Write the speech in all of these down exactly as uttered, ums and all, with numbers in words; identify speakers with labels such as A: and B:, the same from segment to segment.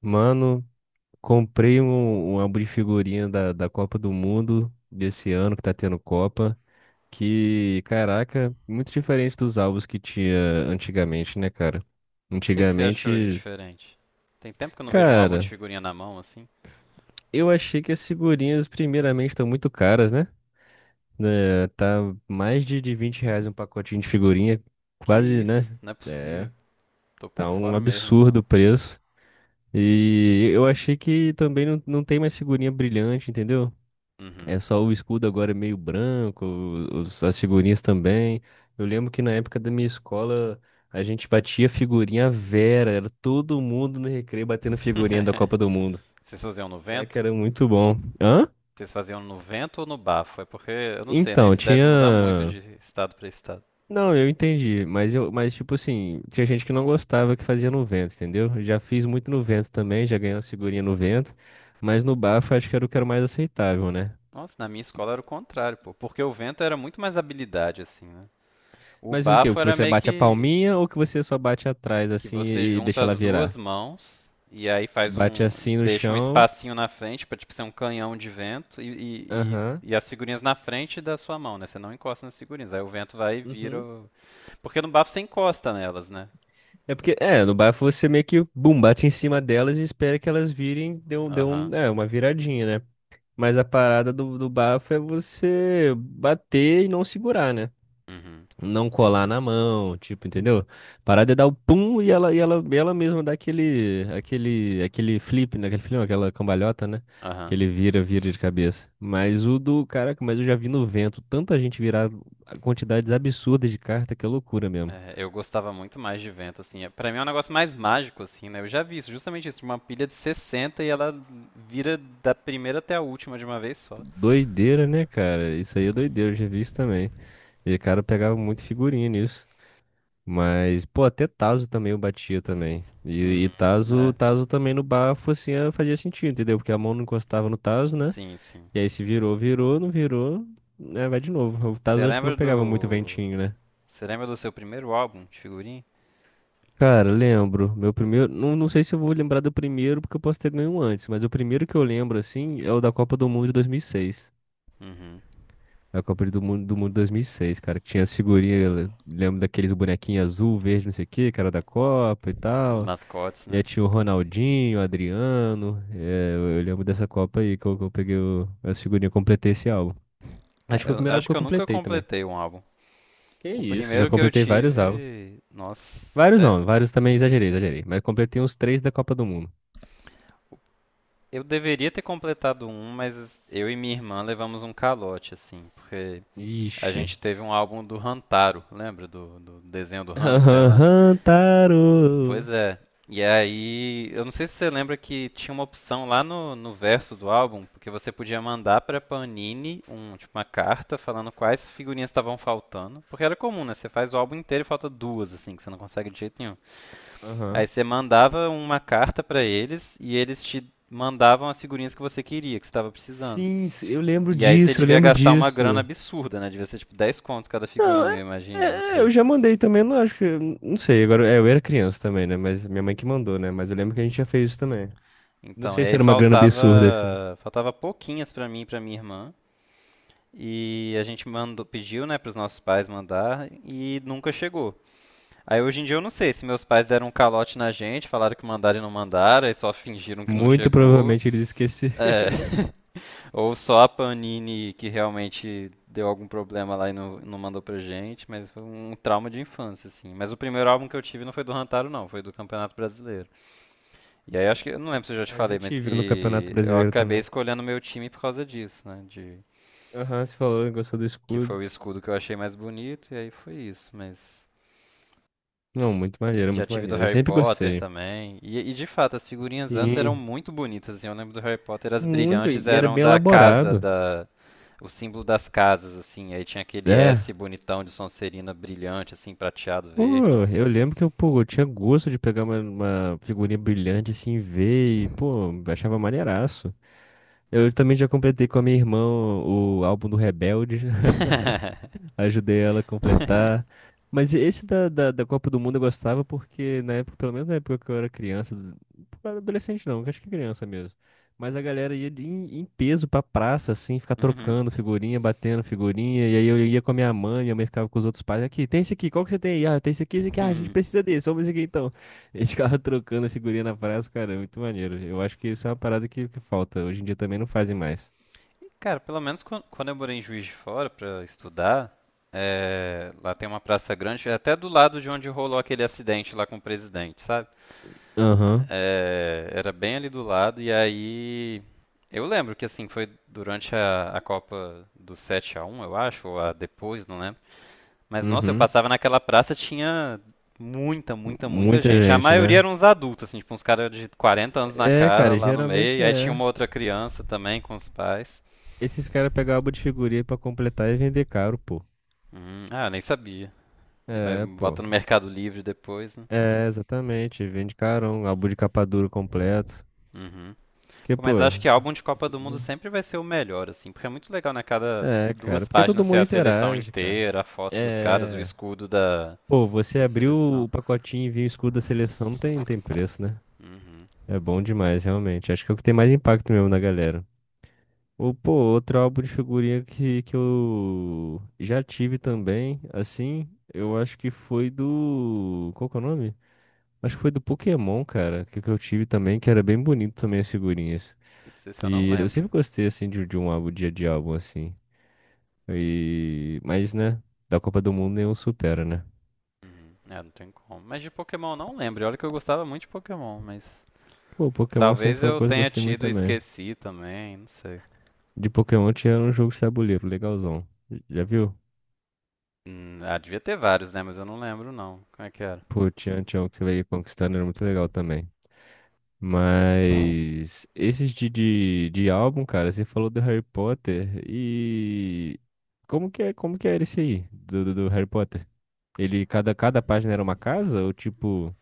A: Mano, comprei um, um álbum de figurinha da, da Copa do Mundo desse ano que tá tendo Copa. Que, caraca, muito diferente dos álbuns que tinha antigamente, né, cara?
B: O que, que você achou de
A: Antigamente,
B: diferente? Tem tempo que eu não vejo um álbum de
A: cara,
B: figurinha na mão assim.
A: eu achei que as figurinhas, primeiramente, estão muito caras, né? Né, tá mais de, de vinte reais um pacotinho de figurinha,
B: Que
A: quase, né?
B: isso? Não é
A: É,
B: possível. Tô por
A: tá um
B: fora mesmo então.
A: absurdo o preço. E eu achei que também não, não tem mais figurinha brilhante, entendeu? É
B: Uhum.
A: só o escudo agora é meio branco, os- as figurinhas também. Eu lembro que na época da minha escola a gente batia figurinha à vera, era todo mundo no recreio batendo figurinha da Copa do Mundo.
B: Vocês faziam no
A: Né, que
B: vento?
A: era muito bom. Hã?
B: Vocês faziam no vento ou no bafo? É porque, eu não sei, né?
A: Então,
B: Isso deve mudar muito
A: tinha.
B: de estado pra estado.
A: Não, eu entendi, mas eu, mas tipo assim, tinha gente que não gostava que fazia no vento, entendeu? Eu já fiz muito no vento também, já ganhei uma figurinha no vento, mas no bafo eu acho que era o que era mais aceitável, né?
B: Nossa, na minha escola era o contrário, pô. Porque o vento era muito mais habilidade, assim, né? O
A: Mas o quê? O
B: bafo
A: que
B: era
A: você
B: meio
A: bate a
B: que.
A: palminha ou que você só bate atrás
B: Que
A: assim
B: você
A: e e
B: junta
A: deixa ela
B: as duas
A: virar?
B: mãos e aí faz
A: Bate
B: um,
A: assim no
B: deixa um
A: chão.
B: espacinho na frente para tipo ser um canhão de vento e, e, e-
A: Aham.
B: e as figurinhas na frente da sua mão, né? Você não encosta nas figurinhas, aí o vento vai e vira.
A: Uhum.
B: O- Porque no bafo você encosta nelas, né?
A: É porque, é, no bafo você meio que, bum, bate em cima delas e espera que elas virem, dê um, dê
B: Aham.
A: um, é, uma viradinha, né? Mas a parada do, do bafo é você bater e não segurar, né?
B: Uhum.
A: Não colar
B: Entendi.
A: na mão, tipo, entendeu? Parar de dar o pum e ela, e ela, e ela mesma dá aquele, aquele, aquele flip, né? Aquele flip, não, aquela cambalhota, né? Que
B: Aham.
A: ele vira, vira de cabeça. Mas o do, caraca, mas eu já vi no vento tanta gente virar quantidades absurdas de carta que é loucura mesmo.
B: É, eu gostava muito mais de vento, assim. É- Pra mim é um negócio mais mágico, assim, né? Eu já vi isso, justamente isso, uma pilha de sessenta e ela vira da primeira até a última de uma vez só.
A: Doideira, né, cara? Isso aí é doideira, eu já vi isso também. E o cara pegava muito figurinha nisso. Mas, pô, até Tazo também eu batia também. E, e
B: Uhum.
A: Tazo,
B: É,
A: Tazo também no bafo, assim, eh, fazia sentido, entendeu? Porque a mão não encostava no Tazo, né?
B: sim, sim.
A: E aí se virou, virou, não virou, né? Vai de novo. O
B: Você
A: Tazo acho que não
B: lembra
A: pegava muito
B: do
A: ventinho, né?
B: Você lembra do seu primeiro álbum de figurinha?
A: Cara, lembro. Meu primeiro. Não, não sei se eu vou lembrar do primeiro, porque eu posso ter ganho um antes, mas o primeiro que eu lembro, assim, é o da Copa do Mundo de dois mil e seis.
B: Uhum.
A: A Copa do Mundo, do Mundo de dois mil e seis, cara, que tinha as figurinhas, eu lembro daqueles bonequinhos azul, verde, não sei o que, cara da Copa e
B: Os
A: tal.
B: mascotes,
A: Já
B: né?
A: tinha o Ronaldinho, o Adriano. É, eu eu lembro dessa Copa aí que eu, que eu peguei o, essa figurinha, completei esse álbum. Acho que
B: Cara,
A: foi o
B: eu
A: primeiro álbum
B: acho
A: que eu
B: que eu nunca
A: completei também.
B: completei um álbum.
A: Que
B: O
A: isso, já
B: primeiro que eu
A: completei vários álbuns.
B: tive. Nossa.
A: Vários
B: É,
A: não, vários também exagerei, exagerei. Mas completei uns três da Copa do Mundo.
B: eu deveria ter completado um, mas eu e minha irmã levamos um calote, assim. Porque a
A: Ixi.
B: gente teve um álbum do Rantaro, lembra? Do, do desenho do hamster lá?
A: Aham,
B: Pois
A: Taro.
B: é. E aí, eu não sei se você lembra que tinha uma opção lá no, no verso do álbum, porque você podia mandar pra Panini um, tipo, uma carta falando quais figurinhas estavam faltando. Porque era comum, né? Você faz o álbum inteiro e falta duas, assim, que você não consegue de jeito nenhum. Aí
A: Aham.
B: você mandava uma carta pra eles e eles te mandavam as figurinhas que você queria, que você estava precisando.
A: Sim, s- eu lembro
B: E aí você
A: disso, eu
B: devia
A: lembro
B: gastar uma grana
A: disso.
B: absurda, né? Devia ser tipo dez contos cada
A: Não,
B: figurinha,
A: é,
B: eu
A: é,
B: imagino, não
A: é,
B: sei.
A: eu já mandei também, eu não acho que. Não sei, agora. É, eu era criança também, né? Mas minha mãe que mandou, né? Mas eu lembro que a gente já fez isso também. Não
B: Então, e
A: sei se
B: aí
A: era uma grana absurda, assim.
B: faltava, faltava pouquinhas pra mim e pra minha irmã. E a gente mandou, pediu, né, para os nossos pais mandar e nunca chegou. Aí hoje em dia eu não sei se meus pais deram um calote na gente, falaram que mandaram e não mandaram, aí só fingiram que não
A: Muito
B: chegou.
A: provavelmente eles
B: É.
A: esqueceram.
B: Ou só a Panini que realmente deu algum problema lá e não, não mandou pra gente, mas foi um trauma de infância, assim. Mas o primeiro álbum que eu tive não foi do Rantaro, não, foi do Campeonato Brasileiro. E aí acho que, eu não lembro se eu já te
A: Ah, eu já
B: falei, mas
A: tive um no Campeonato
B: que eu
A: Brasileiro
B: acabei
A: também.
B: escolhendo meu time por causa disso, né? De
A: Aham, você falou, gostou do
B: que foi
A: escudo.
B: o escudo que eu achei mais bonito, e aí foi isso, mas.
A: Não, muito maneiro,
B: Já
A: muito
B: tive do
A: maneiro. Eu
B: Harry
A: sempre
B: Potter
A: gostei.
B: também. E, e, de fato, as figurinhas antes eram
A: Sim,
B: muito bonitas, assim. Eu lembro do Harry Potter, as
A: muito.
B: brilhantes
A: E era
B: eram
A: bem
B: da casa,
A: elaborado.
B: da. O símbolo das casas, assim. Aí tinha aquele
A: É.
B: S bonitão de Sonserina brilhante, assim, prateado
A: Pô,
B: verde.
A: eu lembro que eu, pô, eu tinha gosto de pegar uma, uma figurinha brilhante assim, ver e, pô, achava maneiraço. Eu também já completei com a minha irmã o, o álbum do Rebelde. Ajudei ela a completar. Mas esse da, da, da Copa do Mundo eu gostava porque na época, pelo menos na época que eu era criança, eu era adolescente não, acho que criança mesmo. Mas a galera ia de- em, em peso pra praça, assim, ficar
B: Uhum.
A: trocando figurinha, batendo figurinha. E aí eu ia com a minha mãe, minha mãe ficava com os outros pais. Aqui, tem esse aqui, qual que você tem aí? Ah, tem esse aqui, esse aqui. Ah, a gente
B: Uhum.
A: precisa desse, vamos esse aqui então. E eles ficavam trocando figurinha na praça, cara, é muito maneiro. Eu acho que isso é uma parada que, que falta. Hoje em dia também não fazem mais.
B: Cara, pelo menos quan- quando eu morei em Juiz de Fora pra estudar, é, lá tem uma praça grande, é até do lado de onde rolou aquele acidente lá com o presidente, sabe?
A: Aham,
B: É, era bem ali do lado, e aí. Eu lembro que assim, foi durante a, a Copa do sete a um eu acho, ou a depois, não lembro. Mas nossa, eu
A: uhum.
B: passava naquela praça, tinha muita, muita, muita
A: Muita
B: gente. A
A: gente,
B: maioria
A: né?
B: eram uns adultos, assim, tipo uns caras de quarenta anos na
A: É,
B: cara
A: cara,
B: lá no meio.
A: geralmente
B: E aí tinha
A: é.
B: uma outra criança também com os pais.
A: Esses caras pegam álbum de figurinha pra completar e vender caro, pô.
B: Hum, ah, nem sabia. Vai,
A: É, pô.
B: bota no Mercado Livre depois, né?
A: É, exatamente. Vende carão, álbum de capa dura completo.
B: Uhum.
A: Que,
B: Pô,
A: pô.
B: mas acho que álbum de Copa do Mundo sempre vai ser o melhor, assim, porque é muito legal, né? Cada
A: É, cara.
B: duas
A: Porque todo
B: páginas ser
A: mundo
B: a seleção
A: interage, cara.
B: inteira, a foto dos caras, o
A: É.
B: escudo da,
A: Pô, você
B: da
A: abriu
B: seleção.
A: o pacotinho e viu o escudo da seleção, não tem, não tem preço, né?
B: Uhum.
A: É bom demais, realmente. Acho que é o que tem mais impacto mesmo na galera. Ou, pô, outro álbum de figurinha que, que eu já tive também, assim, eu acho que foi do. Qual que é o nome? Acho que foi do Pokémon, cara, que, que eu tive também, que era bem bonito também as figurinhas.
B: Não sei se eu não
A: E eu
B: lembro.
A: sempre gostei, assim, de, de um álbum, dia de álbum, assim. E... Mas, né, da Copa do Mundo nenhum supera, né?
B: Uhum. É, não tem como. Mas de Pokémon eu não lembro. E olha que eu gostava muito de Pokémon, mas
A: Pô, Pokémon sempre
B: talvez
A: foi uma
B: eu
A: coisa que eu
B: tenha
A: gostei muito
B: tido e
A: também.
B: esqueci também, não sei.
A: De Pokémon tinha um jogo de tabuleiro, legalzão. Já viu?
B: Hum, ah, devia ter vários, né? Mas eu não lembro não. Como é que era?
A: Pô, tinha, tinha um que você vai conquistando, era muito legal também. Mas esses de, de, de álbum, cara, você falou do Harry Potter e como que é, como que era esse aí do, do, do Harry Potter? Ele cada cada página era uma casa ou tipo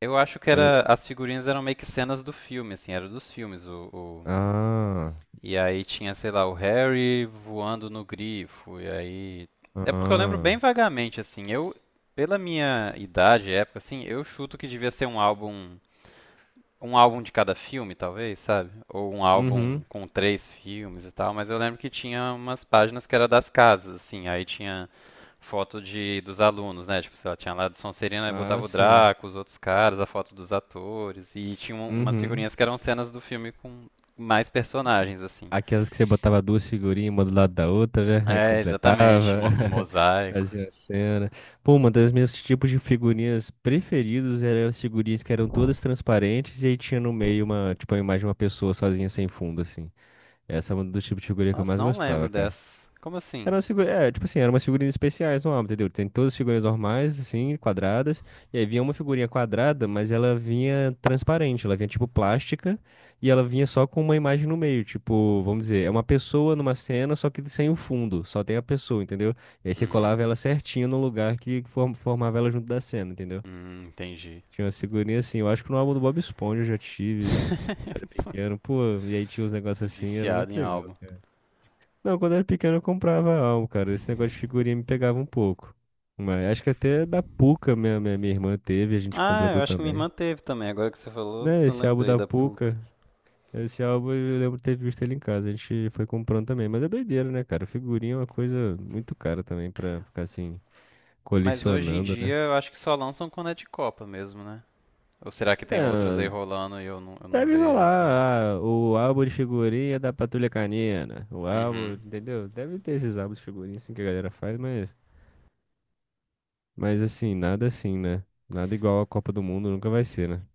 B: Eu acho que
A: era...
B: era as figurinhas eram meio que cenas do filme, assim, era dos filmes o.
A: Ah,
B: E aí tinha, sei lá, o Harry voando no grifo. E aí. É porque eu lembro bem
A: ah.
B: vagamente, assim. Eu, pela minha idade, época, assim, eu chuto que devia ser um álbum. Um álbum de cada filme, talvez, sabe? Ou um álbum
A: Uhum.
B: com três filmes e tal. Mas eu lembro que tinha umas páginas que era das casas, assim. Aí tinha foto de dos alunos, né? Tipo, sei lá, tinha lá do Sonserina e
A: Ah,
B: botava o
A: sim.
B: Draco, os outros caras, a foto dos atores. E tinha um- umas
A: Uhum.
B: figurinhas que eram cenas do filme com mais personagens, assim.
A: Aquelas que você botava duas figurinhas uma do lado da outra, né? Aí
B: É, exatamente,
A: completava,
B: monta um mosaico.
A: fazia a cena. Pô, uma das minhas tipos de figurinhas preferidos eram as figurinhas que eram todas transparentes e aí tinha no meio uma, tipo, a imagem de uma pessoa sozinha sem fundo, assim. Essa é um dos tipos de figurinha que eu
B: Nossa,
A: mais
B: não lembro
A: gostava, cara.
B: dessas. Como assim?
A: Eram as figuras, é, tipo assim, eram umas figurinhas especiais no álbum, entendeu? Tem todas as figurinhas normais, assim, quadradas, e aí vinha uma figurinha quadrada, mas ela vinha transparente, ela vinha tipo plástica, e ela vinha só com uma imagem no meio, tipo, vamos dizer, é uma pessoa numa cena, só que sem o fundo, só tem a pessoa, entendeu? E aí você
B: Uhum.
A: colava ela certinho no lugar que form- formava ela junto da cena, entendeu?
B: Hum, entendi.
A: Tinha uma figurinhas assim, eu acho que no álbum do Bob Esponja eu já tive, que eram, pô, e aí tinha uns negócios assim, era
B: Viciado
A: muito
B: em
A: legal.
B: álbum.
A: Não, quando eu era pequeno eu comprava álbum, cara. Esse negócio de figurinha me pegava um pouco. Mas acho que até da Puca minha, minha, minha irmã teve, a gente
B: Ah, eu
A: completou
B: acho que minha
A: também.
B: irmã teve também. Agora que você falou,
A: Né,
B: eu
A: esse álbum
B: lembrei
A: da
B: da P U C.
A: Puca, esse álbum eu lembro de ter visto ele em casa, a gente foi comprando também. Mas é doideira, né, cara? Figurinha é uma coisa muito cara também pra ficar assim,
B: Mas hoje em
A: colecionando,
B: dia
A: né?
B: eu acho que só lançam quando é de Copa mesmo, né? Ou será que tem outras aí
A: É,
B: rolando e eu não, eu não
A: deve
B: vejo assim?
A: rolar. Ah, o álbum de figurinha da Patrulha Canina. O álbum,
B: Uhum.
A: entendeu? Deve ter esses álbuns de figurinha assim que a galera faz, mas. Mas assim, nada assim, né? Nada igual a Copa do Mundo nunca vai ser, né?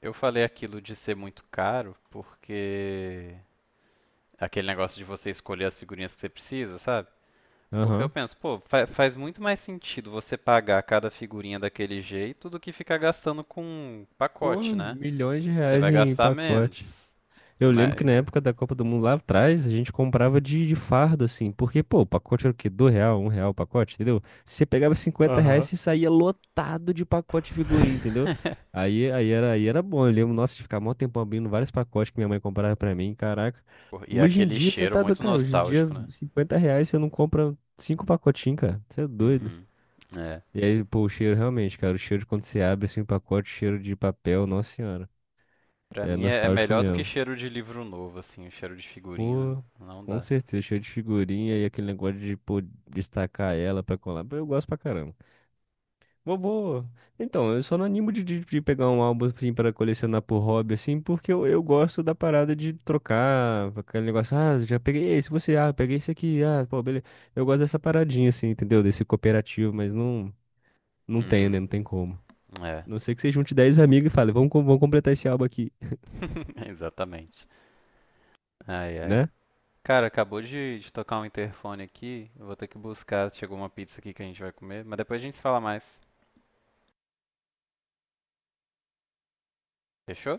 B: Eu falei aquilo de ser muito caro porque. Aquele negócio de você escolher as figurinhas que você precisa, sabe? Porque eu
A: Aham.
B: penso, pô, fa- faz muito mais sentido você pagar cada figurinha daquele jeito do que ficar gastando com um
A: Pô,
B: pacote, né?
A: milhões de
B: Você
A: reais
B: vai
A: em
B: gastar
A: pacote.
B: menos.
A: Eu lembro que
B: Mas...
A: na época da Copa do Mundo lá atrás, a gente comprava de, de fardo, assim. Porque, pô, o pacote era o quê? Do real, um real o pacote, entendeu? Se você pegava cinquenta reais,
B: Aham.
A: você saía lotado de pacote de figurinha, entendeu? Aí, aí, era, aí era bom. Eu lembro, nossa, de ficar mó tempão abrindo vários pacotes que minha mãe comprava pra mim, caraca.
B: Pô, e é
A: Hoje em
B: aquele
A: dia, você
B: cheiro
A: tá do...
B: muito
A: Cara, hoje em dia,
B: nostálgico, né?
A: cinquenta reais você não compra cinco pacotinhos, cara. Você é doido.
B: Uhum. É.
A: E aí, pô, o cheiro realmente, cara, o cheiro de quando você abre assim o pacote, cheiro de papel, nossa senhora.
B: Pra
A: É
B: mim é é
A: nostálgico
B: melhor do que
A: mesmo.
B: cheiro de livro novo, assim, o cheiro de figurinha
A: Pô,
B: não
A: com
B: dá.
A: certeza, cheiro de figurinha e aquele negócio de, pô, destacar ela pra colar. Pô, eu gosto pra caramba. Vou, vou. Então, eu só não animo de, de, de pegar um álbum assim pra colecionar por hobby, assim, porque eu, eu gosto da parada de trocar, aquele negócio, ah, já peguei esse, você, ah, peguei esse aqui, ah, pô, beleza. Eu gosto dessa paradinha, assim, entendeu? Desse cooperativo, mas não, não tenho, né?
B: Uhum.
A: Não tem como.
B: É.
A: Não sei que você junte dez amigos e fale, vamos, co- vamos completar esse álbum aqui,
B: Exatamente. Ai, ai.
A: né?
B: Cara, acabou de, de tocar um interfone aqui. Eu vou ter que buscar. Chegou uma pizza aqui que a gente vai comer. Mas depois a gente se fala mais. Fechou?